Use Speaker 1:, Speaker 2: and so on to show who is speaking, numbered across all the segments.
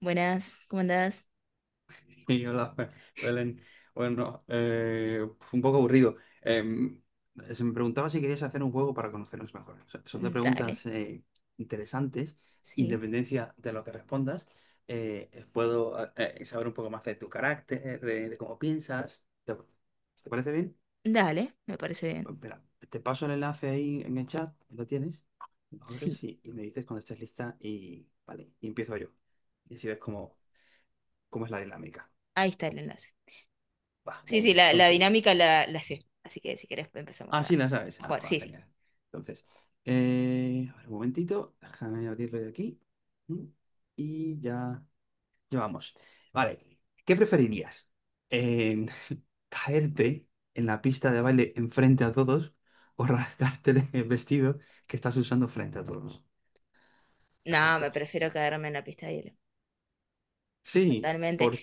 Speaker 1: Buenas, ¿cómo andás?
Speaker 2: Hola, Belén. Bueno, fue un poco aburrido. Se me preguntaba si querías hacer un juego para conocernos mejor. O sea, son de
Speaker 1: Dale,
Speaker 2: preguntas interesantes.
Speaker 1: sí.
Speaker 2: Independencia de lo que respondas, puedo saber un poco más de tu carácter, de cómo piensas. ¿Te parece bien?
Speaker 1: Dale, me parece bien.
Speaker 2: Pues espera, te paso el enlace ahí en el chat. ¿Lo tienes? Lo
Speaker 1: Sí,
Speaker 2: abres y me dices cuando estés lista y, vale, y empiezo yo. Y así ves cómo es la dinámica.
Speaker 1: ahí está el enlace.
Speaker 2: Va,
Speaker 1: Sí,
Speaker 2: muy
Speaker 1: sí,
Speaker 2: bien.
Speaker 1: la
Speaker 2: Entonces.
Speaker 1: dinámica la sé. Así que si querés empezamos
Speaker 2: Ah,
Speaker 1: a,
Speaker 2: sí, la sabes.
Speaker 1: a
Speaker 2: Ah,
Speaker 1: jugar.
Speaker 2: va,
Speaker 1: Sí, sí.
Speaker 2: genial. Entonces, a ver, un momentito, déjame abrirlo de aquí. Mm, Y ya, ya vamos. Vale, ¿qué preferirías? Eh, ¿caerte en la pista de baile enfrente a todos o rasgarte el vestido que estás usando frente a todos? De
Speaker 1: No,
Speaker 2: las
Speaker 1: me
Speaker 2: dos.
Speaker 1: prefiero quedarme en la pista de hielo.
Speaker 2: Sí,
Speaker 1: Totalmente.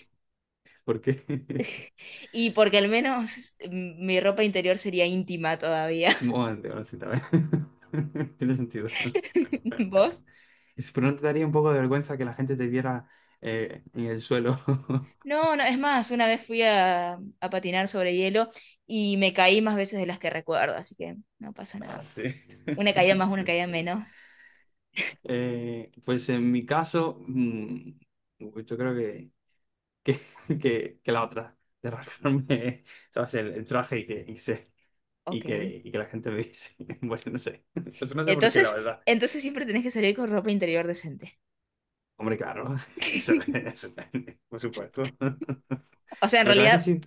Speaker 2: ¿por qué?
Speaker 1: Y porque al menos mi ropa interior sería íntima todavía.
Speaker 2: Bueno, ahora sí, tal vez. Tiene sentido.
Speaker 1: ¿Vos?
Speaker 2: Pero no te daría un poco de vergüenza que la gente te viera en el suelo.
Speaker 1: No, no, es más, una vez fui a patinar sobre hielo y me caí más veces de las que recuerdo, así que no pasa
Speaker 2: Ah,
Speaker 1: nada.
Speaker 2: sí.
Speaker 1: Una caída más, una caída menos.
Speaker 2: Pues en mi caso, pues yo creo que, que la otra, de rascarme, ¿sabes? El traje y
Speaker 1: Ok.
Speaker 2: y que la gente me viese. Bueno, no sé. Eso no sé por qué, la
Speaker 1: Entonces,
Speaker 2: verdad.
Speaker 1: entonces siempre tenés que salir con ropa interior decente.
Speaker 2: Hombre, claro, eso, por supuesto.
Speaker 1: O sea, en
Speaker 2: Lo que a veces
Speaker 1: realidad,
Speaker 2: sí.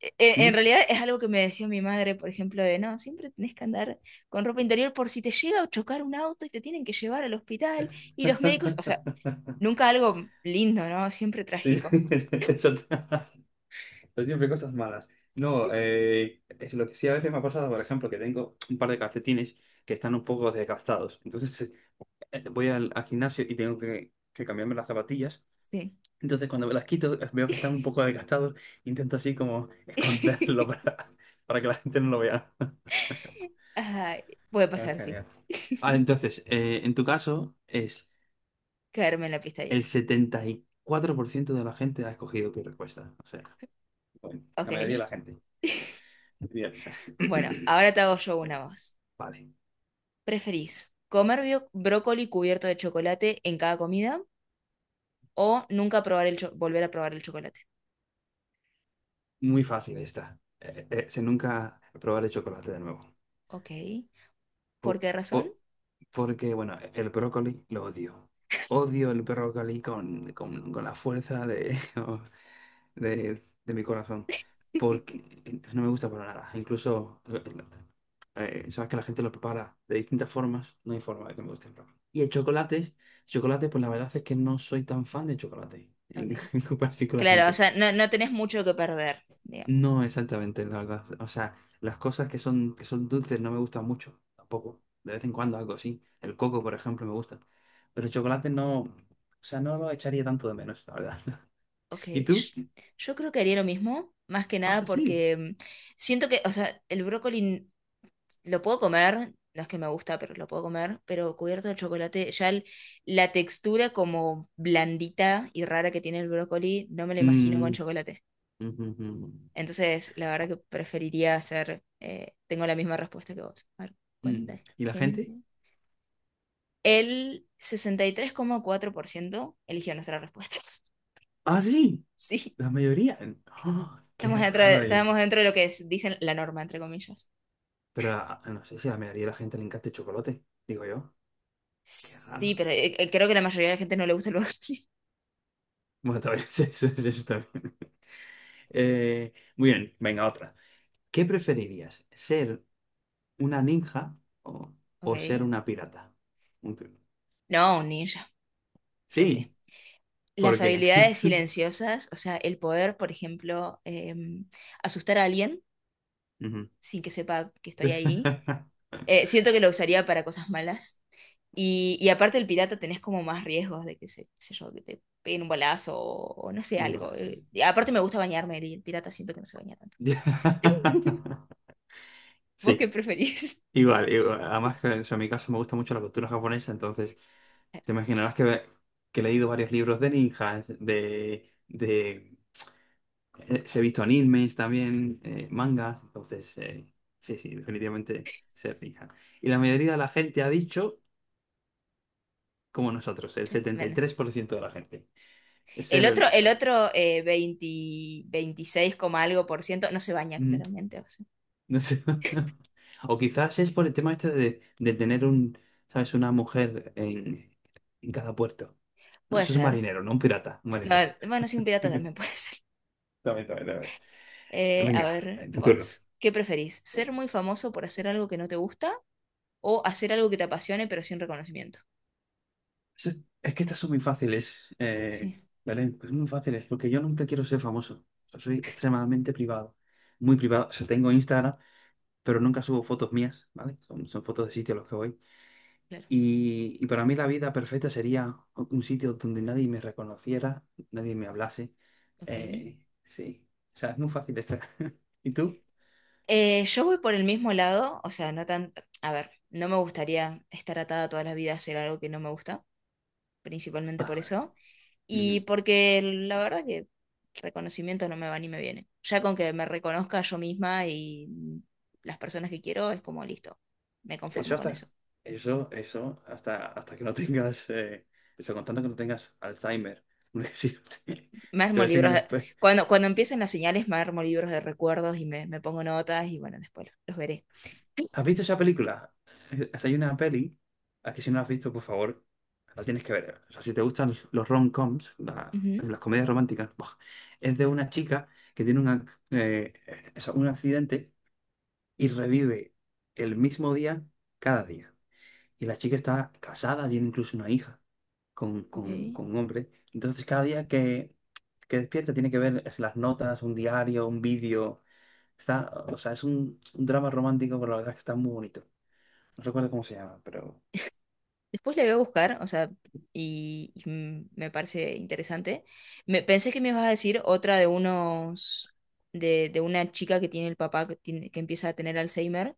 Speaker 1: e- e-
Speaker 2: ¿Mm?
Speaker 1: en realidad es algo que me decía mi madre, por ejemplo, de no, siempre tenés que andar con ropa interior por si te llega a chocar un auto y te tienen que llevar al hospital y los médicos, o sea, nunca algo lindo, ¿no? Siempre
Speaker 2: Sí, sí,
Speaker 1: trágico.
Speaker 2: eso t- pero siempre cosas malas. No, es lo que sí a veces me ha pasado, por ejemplo, que tengo un par de calcetines que están un poco desgastados. Entonces voy al gimnasio y tengo que cambiarme las zapatillas.
Speaker 1: Sí.
Speaker 2: Entonces cuando me las quito veo que están un poco desgastados. Intento así como esconderlo para que la gente no lo vea.
Speaker 1: Ay, puede
Speaker 2: Ah,
Speaker 1: pasar, sí.
Speaker 2: genial. Vale, entonces, en tu caso es
Speaker 1: Caerme en la pista de hielo.
Speaker 2: el 74% de la gente ha escogido tu respuesta. Bueno, la mayoría de
Speaker 1: Ok.
Speaker 2: la gente. Bien.
Speaker 1: Bueno, ahora te hago yo una voz.
Speaker 2: Vale.
Speaker 1: ¿Preferís comer brócoli cubierto de chocolate en cada comida? O nunca probar volver a probar el chocolate.
Speaker 2: Muy fácil esta. Si nunca probar el chocolate de nuevo.
Speaker 1: Ok. ¿Por
Speaker 2: Po-
Speaker 1: qué razón?
Speaker 2: po- porque, bueno, el brócoli lo odio. Odio el brócoli con la fuerza de... de mi corazón, porque no me gusta para nada. Incluso, sabes que la gente lo prepara de distintas formas, no hay forma de que me guste. Chocolate, pues la verdad es que no soy tan fan de chocolate,
Speaker 1: Ok.
Speaker 2: en comparación con la
Speaker 1: Claro, o
Speaker 2: gente.
Speaker 1: sea, no, no tenés mucho que perder, digamos.
Speaker 2: No exactamente, la verdad. O sea, las cosas que son dulces no me gustan mucho, tampoco. De vez en cuando algo así. El coco, por ejemplo, me gusta. Pero el chocolate no, o sea, no lo echaría tanto de menos, la verdad.
Speaker 1: Ok.
Speaker 2: ¿Y tú?
Speaker 1: Yo creo que haría lo mismo, más que
Speaker 2: Ah,
Speaker 1: nada
Speaker 2: sí.
Speaker 1: porque siento que, o sea, el brócoli lo puedo comer, no es que me gusta, pero lo puedo comer, pero cubierto de chocolate, ya la textura como blandita y rara que tiene el brócoli, no me la imagino con
Speaker 2: Mm,
Speaker 1: chocolate.
Speaker 2: ujú, ujú.
Speaker 1: Entonces, la verdad que preferiría hacer, tengo la misma respuesta que vos. A ver,
Speaker 2: Mm.
Speaker 1: ¿cuánta
Speaker 2: ¿Y la gente?
Speaker 1: gente? El 63,4% eligió nuestra respuesta.
Speaker 2: Ah, sí,
Speaker 1: Sí,
Speaker 2: la mayoría. ¡Ah!
Speaker 1: estamos
Speaker 2: Qué
Speaker 1: dentro de,
Speaker 2: raro.
Speaker 1: estamos dentro de lo que dicen la norma, entre comillas.
Speaker 2: Pero ah, no sé si a la mayoría de la gente le encanta el chocolate, digo yo. Qué
Speaker 1: Sí,
Speaker 2: raro.
Speaker 1: pero creo que la mayoría de la gente no le gusta el brócoli.
Speaker 2: Bueno, también eso también. Muy bien, venga, otra. ¿Qué preferirías? ¿Ser una ninja o,
Speaker 1: Ok.
Speaker 2: o ser una pirata? Un pi-
Speaker 1: No, un ninja, siempre.
Speaker 2: Sí,
Speaker 1: Las
Speaker 2: ¿por qué?
Speaker 1: habilidades silenciosas, o sea, el poder, por ejemplo, asustar a alguien
Speaker 2: Ujú.
Speaker 1: sin que sepa que estoy ahí. Siento que lo usaría para cosas malas. Y aparte el pirata tenés como más riesgos de que se, qué sé yo, que te peguen un balazo o no sé,
Speaker 2: Va,
Speaker 1: algo.
Speaker 2: sí.
Speaker 1: Y aparte me gusta bañarme y el pirata siento que no se baña tanto. ¿Vos qué
Speaker 2: Sí.
Speaker 1: preferís?
Speaker 2: Igual, igual. Además, que, o sea, en mi caso me gusta mucho la cultura japonesa, entonces te imaginarás que he leído varios libros de ninjas, de he visto animes también, mangas, entonces sí, sí, definitivamente ser ninja. Y la mayoría de la gente ha dicho, como nosotros, el setenta y
Speaker 1: Bueno.
Speaker 2: tres por ciento de la gente,
Speaker 1: El
Speaker 2: ser un
Speaker 1: otro, el
Speaker 2: ninja.
Speaker 1: otro 20 26, coma algo por ciento no se baña
Speaker 2: Mm,
Speaker 1: claramente. O sea,
Speaker 2: no sé. O quizás es por el tema este de tener un. ¿Sabes? Una mujer en cada puerto. No,
Speaker 1: puede
Speaker 2: eso es un
Speaker 1: ser.
Speaker 2: marinero, no un pirata, un
Speaker 1: No,
Speaker 2: marinero.
Speaker 1: bueno, sí, un pirata también puede ser.
Speaker 2: También, también, también.
Speaker 1: A
Speaker 2: Venga,
Speaker 1: ver,
Speaker 2: tu turno.
Speaker 1: vos, ¿qué preferís? ¿Ser muy famoso por hacer algo que no te gusta o hacer algo que te apasione pero sin reconocimiento?
Speaker 2: Es, es que estas son muy fáciles,
Speaker 1: Sí,
Speaker 2: Belén, pues muy fáciles, porque yo nunca quiero ser famoso. O sea, soy extremadamente privado, muy privado. O sea, tengo Instagram, pero nunca subo fotos mías, ¿vale? Son fotos de sitios a los que voy.
Speaker 1: claro.
Speaker 2: Y para mí la vida perfecta sería un sitio donde nadie me reconociera, nadie me hablase.
Speaker 1: Ok.
Speaker 2: Sí, o sea, es muy fácil estar. ¿Y tú?
Speaker 1: Yo voy por el mismo lado, o sea, no tan... A ver, no me gustaría estar atada toda la vida a hacer algo que no me gusta, principalmente
Speaker 2: Ah,
Speaker 1: por
Speaker 2: vale.
Speaker 1: eso. Y
Speaker 2: Ujú.
Speaker 1: porque la verdad que reconocimiento no me va ni me viene. Ya con que me reconozca yo misma y las personas que quiero, es como listo. Me
Speaker 2: Eso
Speaker 1: conformo con eso.
Speaker 2: hasta, hasta que no tengas, eso contando que no tengas Alzheimer. Porque si no
Speaker 1: Me
Speaker 2: te
Speaker 1: armo
Speaker 2: ves en
Speaker 1: libros
Speaker 2: el
Speaker 1: de-
Speaker 2: espejo.
Speaker 1: Cuando empiecen las señales, me armo libros de recuerdos y me pongo notas y bueno, después los veré.
Speaker 2: ¿Has visto esa película? Hay una peli, a que si no la has visto, por favor, la tienes que ver. O sea, si te gustan los rom-coms,
Speaker 1: Ujú,
Speaker 2: las comedias románticas, ¡buah! Es de una chica que tiene eso, un accidente y revive el mismo día cada día. Y la chica está casada, tiene incluso una hija con un hombre. Entonces, cada día que despierta tiene que ver es las notas, un diario, un vídeo. O sea, es un drama romántico, pero la verdad es que está muy bonito. No recuerdo cómo se llama, pero...
Speaker 1: Ok. Después le voy a buscar, o sea, me parece interesante. Pensé que me ibas a decir otra de una chica que tiene el papá que empieza a tener Alzheimer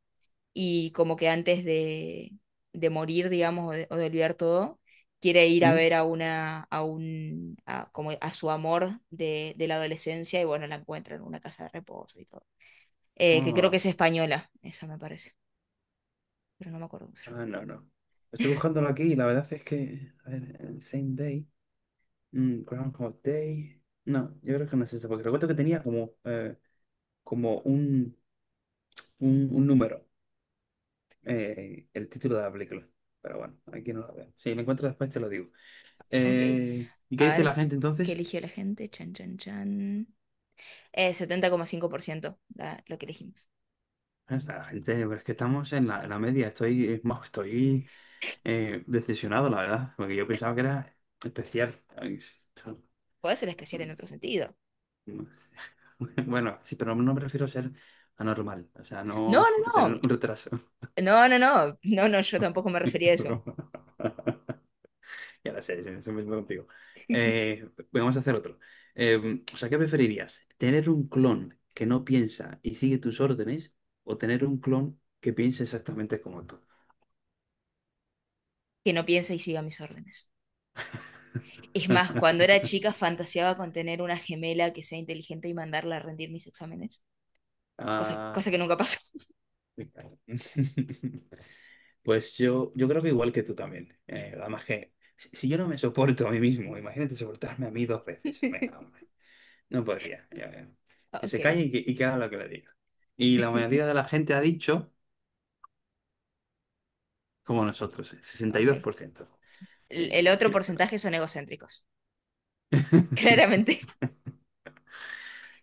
Speaker 1: y como que antes de morir, digamos, o de olvidar todo, quiere ir a
Speaker 2: ¿Mm?
Speaker 1: ver a una, a un, a, como a su amor de la adolescencia y bueno, la encuentra en una casa de reposo y todo. Que creo que
Speaker 2: Ah,
Speaker 1: es española, esa me parece, pero no me acuerdo cómo se llama.
Speaker 2: ah, no, no. Estoy buscándolo aquí y la verdad es que... A ver, el Same Day. Mm, Groundhog Day. No, yo creo que no es este, porque recuerdo que tenía como, como un, un número. El título de la película. Pero bueno, aquí no la veo. Si lo encuentro después te lo digo.
Speaker 1: Ok.
Speaker 2: ¿Y qué
Speaker 1: A
Speaker 2: dice la
Speaker 1: ver,
Speaker 2: gente
Speaker 1: ¿qué
Speaker 2: entonces?
Speaker 1: eligió la gente? Chan, chan, chan. Setenta coma cinco por ciento lo que elegimos.
Speaker 2: La gente, pero es que estamos en en la media. Estoy, es más, estoy decepcionado, la verdad, porque yo pensaba que era especial.
Speaker 1: Puede ser especial en otro sentido.
Speaker 2: No sé. Bueno, sí, pero no me refiero a ser anormal, o sea,
Speaker 1: No,
Speaker 2: no
Speaker 1: no,
Speaker 2: tener
Speaker 1: no.
Speaker 2: un retraso.
Speaker 1: No, no, no. No, no, yo tampoco me refería a
Speaker 2: Es
Speaker 1: eso.
Speaker 2: broma. Ya lo sé, sí, estoy metiendo contigo. Vamos a hacer otro. O sea, ¿qué preferirías? ¿Tener un clon que no piensa y sigue tus órdenes o tener un clon que piensa exactamente como tú?
Speaker 1: Que no piensa y siga mis órdenes. Es más, cuando era chica fantaseaba con tener una gemela que sea inteligente y mandarla a rendir mis exámenes. Cosa,
Speaker 2: Ah,
Speaker 1: cosa que nunca pasó.
Speaker 2: me cago. Pues yo creo que igual que tú también. Además que si yo no me soporto a mí mismo, imagínate soportarme a mí dos veces. Venga, hombre. No podría. Ya veo. Que se
Speaker 1: Ok.
Speaker 2: calle y y que haga lo que le diga. Y la mayoría de la gente ha dicho como nosotros,
Speaker 1: Ok.
Speaker 2: 62%.
Speaker 1: El otro
Speaker 2: Así está.
Speaker 1: porcentaje son egocéntricos. Claramente.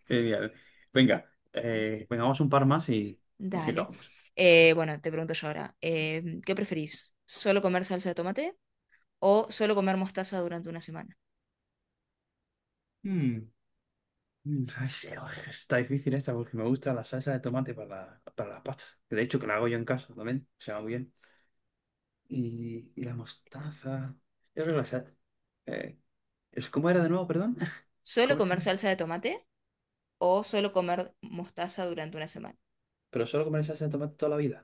Speaker 2: Genial. Venga, venga, vamos un par más y
Speaker 1: Dale.
Speaker 2: acabamos.
Speaker 1: Bueno, te pregunto yo ahora, ¿qué preferís? ¿Solo comer salsa de tomate o solo comer mostaza durante una semana?
Speaker 2: Mm, ay, sí, oj, está difícil esta porque me gusta la salsa de tomate para las pastas. Que de hecho que la hago yo en casa también, se va muy bien. Y la mostaza. Yo creo que eh, ¿cómo era de nuevo, perdón?
Speaker 1: ¿Solo
Speaker 2: ¿Cómo era esa?
Speaker 1: comer salsa de tomate o solo comer mostaza durante una semana?
Speaker 2: ¿Pero solo comer salsa de tomate toda la vida?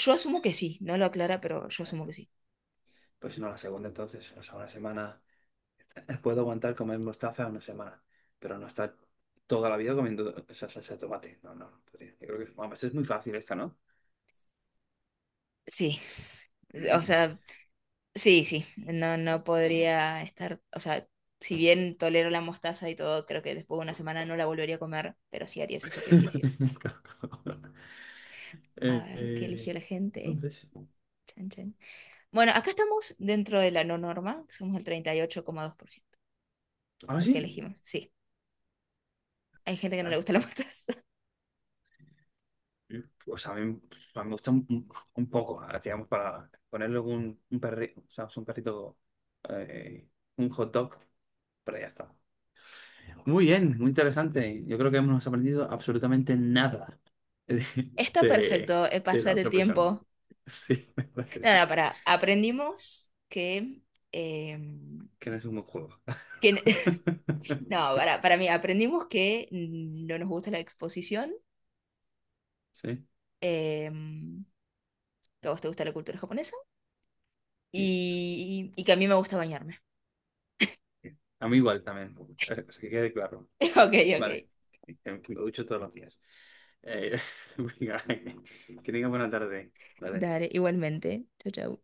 Speaker 1: Yo asumo que sí, no lo aclara, pero yo
Speaker 2: Ay,
Speaker 1: asumo que sí.
Speaker 2: Pues si no, la segunda entonces, o sea, una semana. Puedo aguantar comer mostaza una semana, pero no estar toda la vida comiendo esa salsa de tomate. No, no, no podría. Yo creo que además, es muy fácil esta, ¿no?
Speaker 1: Sí, o
Speaker 2: Mm.
Speaker 1: sea, sí, sí, no, no podría estar, o sea, si bien tolero la mostaza y todo, creo que después de una semana no la volvería a comer, pero sí haría ese sacrificio. A
Speaker 2: Eh,
Speaker 1: ver, ¿qué eligió
Speaker 2: eh,
Speaker 1: la gente?
Speaker 2: entonces,
Speaker 1: Chan, chan. Bueno, acá estamos dentro de la no norma, que somos el 38,2%
Speaker 2: ah,
Speaker 1: los que
Speaker 2: sí.
Speaker 1: elegimos. Sí, hay gente que no le
Speaker 2: Ah,
Speaker 1: gusta la mostaza.
Speaker 2: mm. Pues a mí me gusta un poco, ah, digamos, para ponerle un perrito, o sea, un perrito, eh, un hot dog, pero ya está. Muy bien, muy interesante. Yo creo que hemos aprendido absolutamente nada de,
Speaker 1: Está
Speaker 2: de-
Speaker 1: perfecto
Speaker 2: de la
Speaker 1: pasar el
Speaker 2: otra persona.
Speaker 1: tiempo.
Speaker 2: Sí, la verdad que sí.
Speaker 1: Nada, aprendimos que. eh,
Speaker 2: Que no es un buen juego.
Speaker 1: que no, para mí, aprendimos que no nos gusta la exposición,
Speaker 2: Sí,
Speaker 1: que a vos te gusta la cultura japonesa
Speaker 2: y ya está.
Speaker 1: y que a mí me gusta bañarme.
Speaker 2: A mí igual también. Así que quede claro.
Speaker 1: Ok, ok.
Speaker 2: Vale. Que me ducho todos los días. Eh, venga, que tenga buena tarde. Vale.
Speaker 1: Dale, igualmente. Chau, chau.